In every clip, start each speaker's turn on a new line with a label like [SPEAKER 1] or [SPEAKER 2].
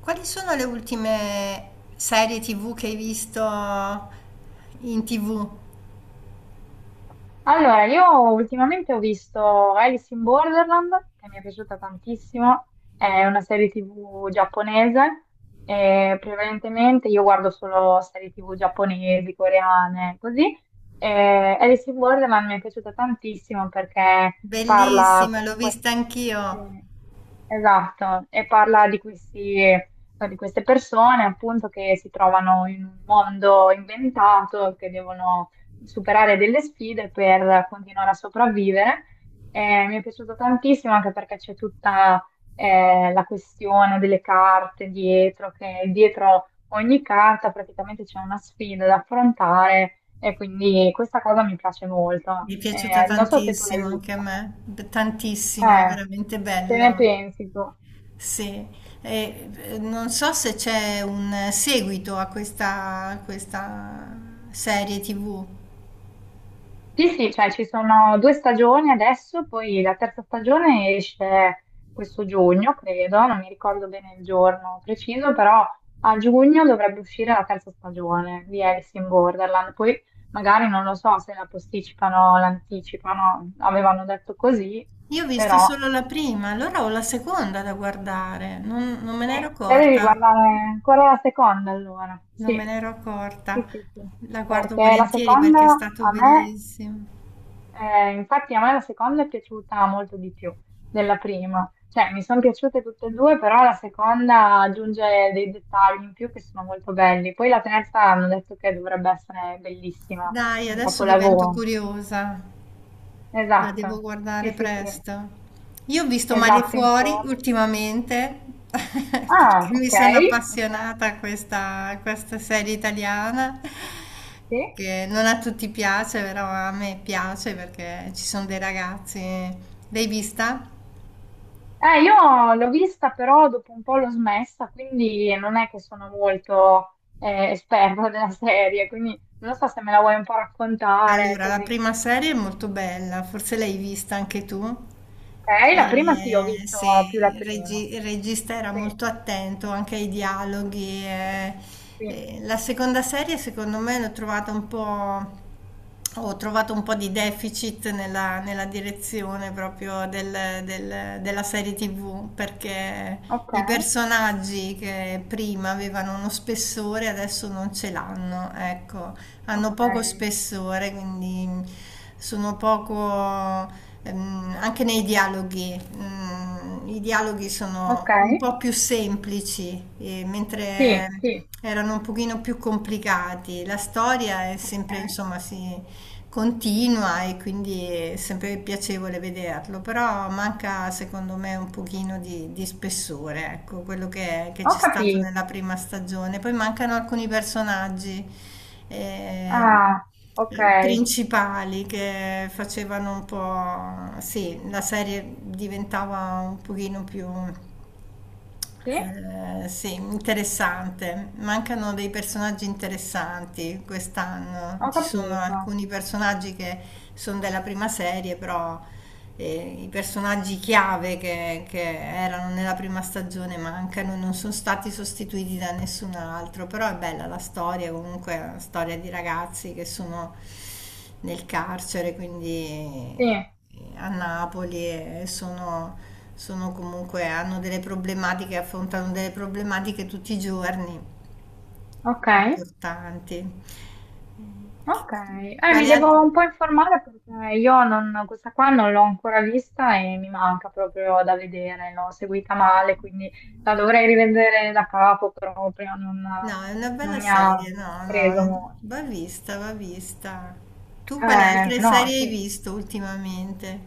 [SPEAKER 1] Quali sono le ultime serie TV che hai visto in TV?
[SPEAKER 2] Allora, io ultimamente ho visto Alice in Borderland, che mi è piaciuta tantissimo, è una serie TV giapponese, e prevalentemente io guardo solo serie TV giapponesi, coreane, così. E Alice in Borderland mi è piaciuta tantissimo perché parla
[SPEAKER 1] Bellissima, l'ho
[SPEAKER 2] comunque...
[SPEAKER 1] vista anch'io.
[SPEAKER 2] sì, esatto, e parla di questi, di queste persone appunto che si trovano in un mondo inventato, che devono superare delle sfide per continuare a sopravvivere. Mi è piaciuto tantissimo anche perché c'è tutta la questione delle carte dietro, che dietro ogni carta praticamente c'è una sfida da affrontare e quindi questa cosa mi piace molto.
[SPEAKER 1] Mi è piaciuta
[SPEAKER 2] Non so se tu l'hai
[SPEAKER 1] tantissimo anche a
[SPEAKER 2] vista.
[SPEAKER 1] me, tantissimo,
[SPEAKER 2] Eh,
[SPEAKER 1] veramente
[SPEAKER 2] che ne
[SPEAKER 1] bella.
[SPEAKER 2] pensi tu?
[SPEAKER 1] Sì. E, non so se c'è un seguito a questa serie TV.
[SPEAKER 2] Sì, sì, cioè ci sono due stagioni adesso, poi la terza stagione esce questo giugno, credo, non mi ricordo bene il giorno preciso, però a giugno dovrebbe uscire la terza stagione di Alice in Borderland. Poi magari non lo so se la posticipano o l'anticipano, avevano detto così,
[SPEAKER 1] Io ho visto
[SPEAKER 2] però
[SPEAKER 1] solo la prima, allora ho la seconda da guardare, non me
[SPEAKER 2] sì,
[SPEAKER 1] ne ero
[SPEAKER 2] te devi
[SPEAKER 1] accorta.
[SPEAKER 2] guardare ancora la seconda allora.
[SPEAKER 1] Non me
[SPEAKER 2] Sì,
[SPEAKER 1] ne ero accorta,
[SPEAKER 2] sì, sì, sì.
[SPEAKER 1] la guardo
[SPEAKER 2] Perché la
[SPEAKER 1] volentieri
[SPEAKER 2] seconda
[SPEAKER 1] perché è stato
[SPEAKER 2] a me
[SPEAKER 1] bellissimo.
[SPEAKER 2] Infatti a me la seconda è piaciuta molto di più della prima, cioè mi sono piaciute tutte e due, però la seconda aggiunge dei dettagli in più che sono molto belli. Poi la terza hanno detto che dovrebbe essere bellissima,
[SPEAKER 1] Dai,
[SPEAKER 2] un
[SPEAKER 1] adesso divento
[SPEAKER 2] capolavoro.
[SPEAKER 1] curiosa, la devo
[SPEAKER 2] Esatto, sì,
[SPEAKER 1] guardare
[SPEAKER 2] sì, sì,
[SPEAKER 1] presto. Io ho visto Mare
[SPEAKER 2] esatto, in
[SPEAKER 1] Fuori
[SPEAKER 2] forma.
[SPEAKER 1] ultimamente
[SPEAKER 2] Ah,
[SPEAKER 1] perché mi
[SPEAKER 2] ok,
[SPEAKER 1] sono
[SPEAKER 2] ok,
[SPEAKER 1] appassionata a questa serie italiana
[SPEAKER 2] sì.
[SPEAKER 1] che non a tutti piace, però a me piace perché ci sono dei ragazzi. L'hai vista?
[SPEAKER 2] Io l'ho vista però dopo un po' l'ho smessa, quindi non è che sono molto esperta della serie, quindi non so se me la vuoi un po' raccontare,
[SPEAKER 1] Allora, la
[SPEAKER 2] così.
[SPEAKER 1] prima serie è molto bella, forse l'hai vista anche tu.
[SPEAKER 2] Ok, la prima sì, ho
[SPEAKER 1] E,
[SPEAKER 2] visto più la
[SPEAKER 1] sì,
[SPEAKER 2] prima.
[SPEAKER 1] il regista era
[SPEAKER 2] Sì,
[SPEAKER 1] molto attento anche ai dialoghi.
[SPEAKER 2] sì.
[SPEAKER 1] E la seconda serie, secondo me, l'ho trovata un po', ho trovato un po' di deficit nella direzione proprio della serie TV, perché
[SPEAKER 2] Ok,
[SPEAKER 1] i personaggi che prima avevano uno spessore adesso non ce l'hanno, ecco, hanno
[SPEAKER 2] ok,
[SPEAKER 1] poco spessore, quindi mm, sono poco, anche nei dialoghi. I dialoghi sono
[SPEAKER 2] ok.
[SPEAKER 1] un po' più semplici, mentre
[SPEAKER 2] Sì, sì,
[SPEAKER 1] erano un pochino più complicati. La storia è
[SPEAKER 2] ok.
[SPEAKER 1] sempre, insomma, si, continua e quindi è sempre piacevole vederlo, però manca secondo me un pochino di spessore, ecco, quello che
[SPEAKER 2] Ho
[SPEAKER 1] c'è stato
[SPEAKER 2] capito.
[SPEAKER 1] nella prima stagione. Poi mancano alcuni personaggi eh,
[SPEAKER 2] Ah, ok,
[SPEAKER 1] principali che facevano un po', sì, la serie diventava un pochino più
[SPEAKER 2] sì,
[SPEAKER 1] sì, interessante. Mancano dei personaggi interessanti quest'anno.
[SPEAKER 2] ho
[SPEAKER 1] Ci sono
[SPEAKER 2] capito.
[SPEAKER 1] alcuni personaggi che sono della prima serie, però i personaggi chiave che erano nella prima stagione mancano, e non sono stati sostituiti da nessun altro. Però è bella la storia, comunque è una storia di ragazzi che sono nel carcere, quindi
[SPEAKER 2] Sì,
[SPEAKER 1] a Napoli e sono comunque, hanno delle problematiche, affrontano delle problematiche tutti i giorni
[SPEAKER 2] ok.
[SPEAKER 1] importanti.
[SPEAKER 2] Ok, mi
[SPEAKER 1] Quali altri?
[SPEAKER 2] devo un po' informare perché io non- questa qua non l'ho ancora vista e mi manca proprio da vedere, l'ho seguita male, quindi la dovrei rivedere da capo, però proprio non,
[SPEAKER 1] No, è una
[SPEAKER 2] non
[SPEAKER 1] bella
[SPEAKER 2] mi
[SPEAKER 1] serie,
[SPEAKER 2] ha
[SPEAKER 1] no,
[SPEAKER 2] preso
[SPEAKER 1] no,
[SPEAKER 2] molto.
[SPEAKER 1] va vista, va vista. Tu quali altre
[SPEAKER 2] No,
[SPEAKER 1] serie hai
[SPEAKER 2] sì,
[SPEAKER 1] visto ultimamente?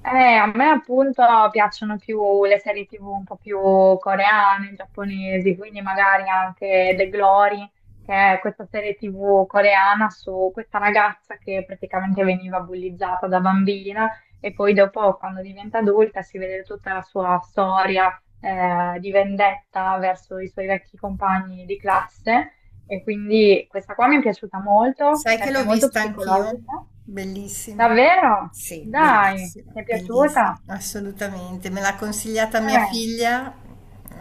[SPEAKER 2] Eh, a me appunto piacciono più le serie TV un po' più coreane, giapponesi, quindi magari anche The Glory, che è questa serie TV coreana su questa ragazza che praticamente veniva bullizzata da bambina e poi dopo quando diventa adulta si vede tutta la sua storia di vendetta verso i suoi vecchi compagni di classe e quindi questa qua mi è piaciuta molto
[SPEAKER 1] Sai che
[SPEAKER 2] perché è
[SPEAKER 1] l'ho
[SPEAKER 2] molto
[SPEAKER 1] vista anch'io?
[SPEAKER 2] psicologica.
[SPEAKER 1] Bellissima.
[SPEAKER 2] Davvero?
[SPEAKER 1] Sì,
[SPEAKER 2] Dai,
[SPEAKER 1] bellissima,
[SPEAKER 2] ti è
[SPEAKER 1] bellissima,
[SPEAKER 2] piaciuta?
[SPEAKER 1] assolutamente. Me l'ha consigliata mia
[SPEAKER 2] Eh,
[SPEAKER 1] figlia.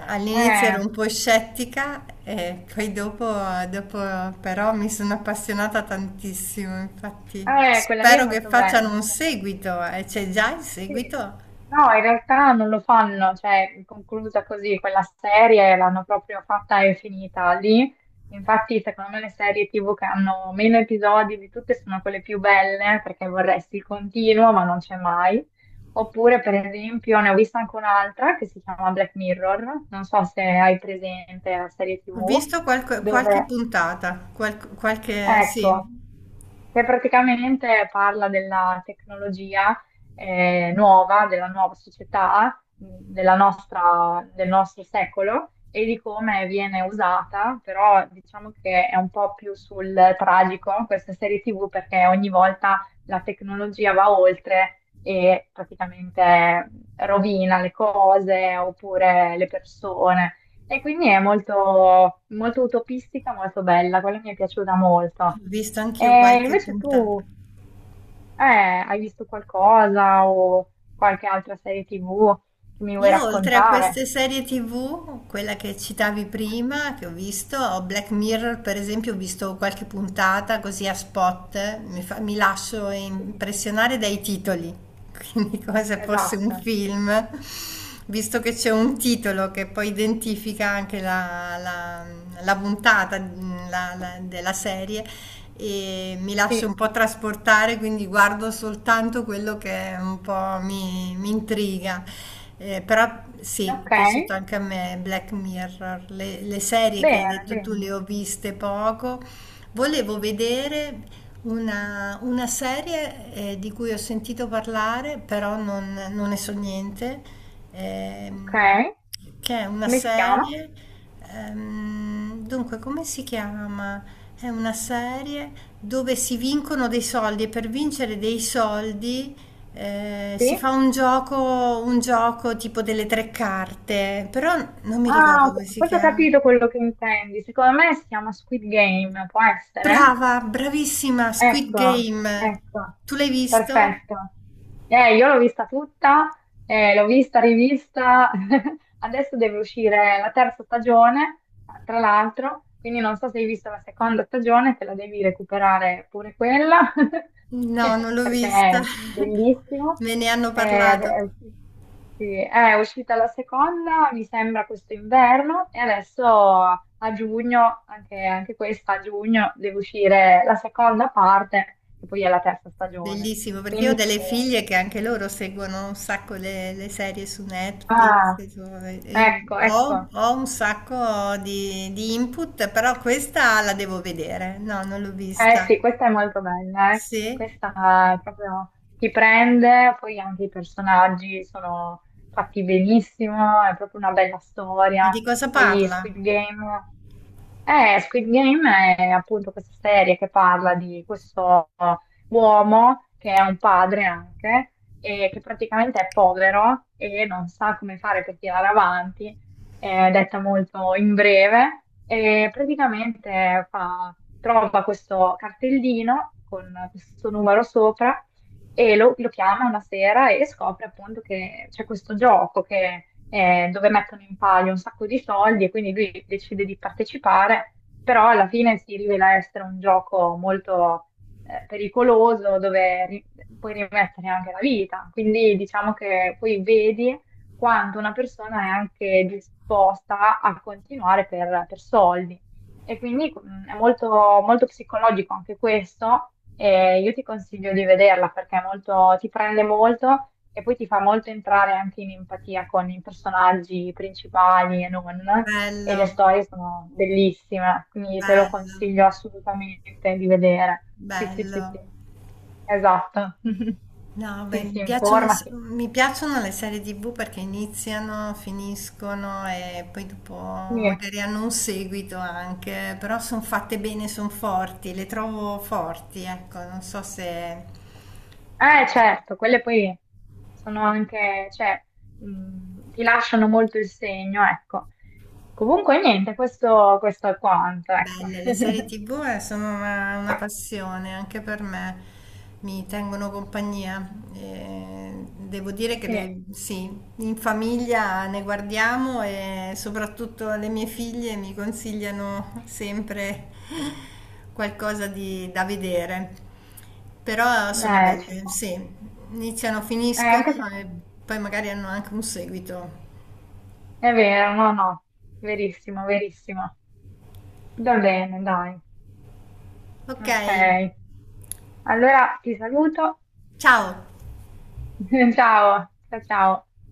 [SPEAKER 1] All'inizio ero
[SPEAKER 2] eh,
[SPEAKER 1] un po' scettica e poi dopo però mi sono appassionata tantissimo. Infatti,
[SPEAKER 2] quella lì è
[SPEAKER 1] spero che
[SPEAKER 2] molto bella.
[SPEAKER 1] facciano un
[SPEAKER 2] Molto-
[SPEAKER 1] seguito. C'è già il
[SPEAKER 2] sì.
[SPEAKER 1] seguito?
[SPEAKER 2] No, in realtà non lo fanno, cioè è conclusa così, quella serie l'hanno proprio fatta e finita lì. Infatti, secondo me le serie TV che hanno meno episodi di tutte sono quelle più belle, perché vorresti il continuo, ma non c'è mai. Oppure, per esempio, ne ho vista anche un'altra che si chiama Black Mirror, non so se hai presente la serie
[SPEAKER 1] Ho
[SPEAKER 2] TV
[SPEAKER 1] visto qualche
[SPEAKER 2] dove
[SPEAKER 1] puntata, sì,
[SPEAKER 2] ecco,
[SPEAKER 1] ho
[SPEAKER 2] che praticamente parla della tecnologia nuova, della nuova società, della nostra- del nostro secolo e di come viene usata, però diciamo che è un po' più sul tragico questa serie TV perché ogni volta la tecnologia va oltre e praticamente rovina le cose oppure le persone. E quindi è molto, molto utopistica, molto bella, quella mi è piaciuta molto.
[SPEAKER 1] visto anch'io
[SPEAKER 2] E
[SPEAKER 1] qualche
[SPEAKER 2] invece
[SPEAKER 1] puntata.
[SPEAKER 2] tu, eh, hai visto qualcosa o qualche altra serie TV che mi vuoi
[SPEAKER 1] Io oltre a
[SPEAKER 2] raccontare?
[SPEAKER 1] queste serie TV, quella che citavi prima, che ho visto, ho Black Mirror per esempio, ho visto qualche puntata così a spot, mi lascio
[SPEAKER 2] Sì.
[SPEAKER 1] impressionare dai titoli, quindi come se fosse un
[SPEAKER 2] Esatto,
[SPEAKER 1] film, visto che c'è un titolo che poi identifica anche la puntata, della serie e mi lascio
[SPEAKER 2] sì.
[SPEAKER 1] un po' trasportare, quindi guardo soltanto quello che un po' mi intriga. Però sì, è
[SPEAKER 2] Ok,
[SPEAKER 1] piaciuto anche a me Black Mirror, le serie che hai
[SPEAKER 2] bene,
[SPEAKER 1] detto tu le
[SPEAKER 2] bene.
[SPEAKER 1] ho viste poco. Volevo vedere una serie di cui ho sentito parlare, però non ne so niente,
[SPEAKER 2] Ok,
[SPEAKER 1] ehm, che è una
[SPEAKER 2] come si chiama?
[SPEAKER 1] serie, dunque come si chiama? È una serie dove si vincono dei soldi e per vincere dei soldi si fa
[SPEAKER 2] Sì.
[SPEAKER 1] un gioco, tipo delle tre carte, però non mi ricordo
[SPEAKER 2] Ah,
[SPEAKER 1] come
[SPEAKER 2] ok.
[SPEAKER 1] si
[SPEAKER 2] Forse ho
[SPEAKER 1] chiama.
[SPEAKER 2] capito quello che intendi. Secondo me si chiama Squid Game, può essere?
[SPEAKER 1] Brava, bravissima, Squid
[SPEAKER 2] Ecco,
[SPEAKER 1] Game.
[SPEAKER 2] ecco,
[SPEAKER 1] Tu l'hai visto?
[SPEAKER 2] perfetto. Io l'ho vista tutta, l'ho vista, rivista, adesso deve uscire la terza stagione, tra l'altro, quindi non so se hai visto la seconda stagione, te la devi recuperare pure quella,
[SPEAKER 1] No, non l'ho
[SPEAKER 2] perché
[SPEAKER 1] vista.
[SPEAKER 2] è bellissimo.
[SPEAKER 1] Me ne hanno
[SPEAKER 2] Eh, ad-
[SPEAKER 1] parlato.
[SPEAKER 2] eh, sì, è uscita la seconda, mi sembra questo inverno, e adesso a giugno, anche, anche questa a giugno, deve uscire la seconda parte, che poi è la terza stagione.
[SPEAKER 1] Bellissimo, perché io ho
[SPEAKER 2] Quindi,
[SPEAKER 1] delle figlie che anche loro seguono un sacco le serie su Netflix.
[SPEAKER 2] ah,
[SPEAKER 1] E
[SPEAKER 2] ecco,
[SPEAKER 1] ho,
[SPEAKER 2] ecco.
[SPEAKER 1] ho un sacco di input, però questa la devo vedere. No, non l'ho
[SPEAKER 2] Eh
[SPEAKER 1] vista.
[SPEAKER 2] sì, questa è molto bella, eh.
[SPEAKER 1] Sì?
[SPEAKER 2] Questa è proprio ti prende, poi anche i personaggi sono fatti benissimo, è proprio una bella
[SPEAKER 1] Ma di
[SPEAKER 2] storia.
[SPEAKER 1] cosa
[SPEAKER 2] Poi
[SPEAKER 1] parla?
[SPEAKER 2] Squid Game. Squid Game è appunto questa serie che parla di questo uomo che è un padre anche e che praticamente è povero e non sa come fare per tirare avanti, detta molto in breve, e praticamente fa- trova questo cartellino con questo numero sopra e lo chiama una sera e scopre appunto che c'è questo gioco che dove mettono in palio un sacco di soldi e quindi lui decide di partecipare, però alla fine si rivela essere un gioco molto pericoloso dove ri- puoi rimettere anche la vita. Quindi diciamo che poi vedi quanto una persona è anche disposta a continuare per soldi. E quindi è molto, molto psicologico anche questo. E io ti consiglio di vederla perché è molto, ti prende molto e poi ti fa molto entrare anche in empatia con i personaggi principali e non, e le
[SPEAKER 1] Bello,
[SPEAKER 2] storie sono bellissime, quindi te lo
[SPEAKER 1] bello,
[SPEAKER 2] consiglio assolutamente di vedere. Sì, sì,
[SPEAKER 1] bello.
[SPEAKER 2] sì, sì, esatto.
[SPEAKER 1] No, beh,
[SPEAKER 2] Sì,
[SPEAKER 1] mi
[SPEAKER 2] sì,
[SPEAKER 1] piacciono, s-
[SPEAKER 2] informati.
[SPEAKER 1] mi piacciono le serie TV perché iniziano, finiscono e poi dopo
[SPEAKER 2] Sì.
[SPEAKER 1] magari hanno un seguito anche, però sono fatte bene, sono forti, le trovo forti, ecco, non so se...
[SPEAKER 2] Certo, quelle poi sono anche, cioè, ti lasciano molto il segno, ecco. Comunque, niente, questo è quanto, ecco.
[SPEAKER 1] Belle, le serie TV sono una passione anche per me, mi tengono compagnia. Devo dire che
[SPEAKER 2] Sì,
[SPEAKER 1] sì, in famiglia ne guardiamo e soprattutto le mie figlie mi consigliano sempre qualcosa da vedere. Però sono
[SPEAKER 2] ci
[SPEAKER 1] belle,
[SPEAKER 2] può.
[SPEAKER 1] sì, iniziano, finiscono
[SPEAKER 2] Anche
[SPEAKER 1] e
[SPEAKER 2] secondo me.
[SPEAKER 1] poi magari hanno anche un seguito.
[SPEAKER 2] È vero, no, no, verissimo, verissimo. Va bene, dai.
[SPEAKER 1] Ok,
[SPEAKER 2] Ok, allora ti saluto.
[SPEAKER 1] ciao!
[SPEAKER 2] Ciao, ciao, ciao.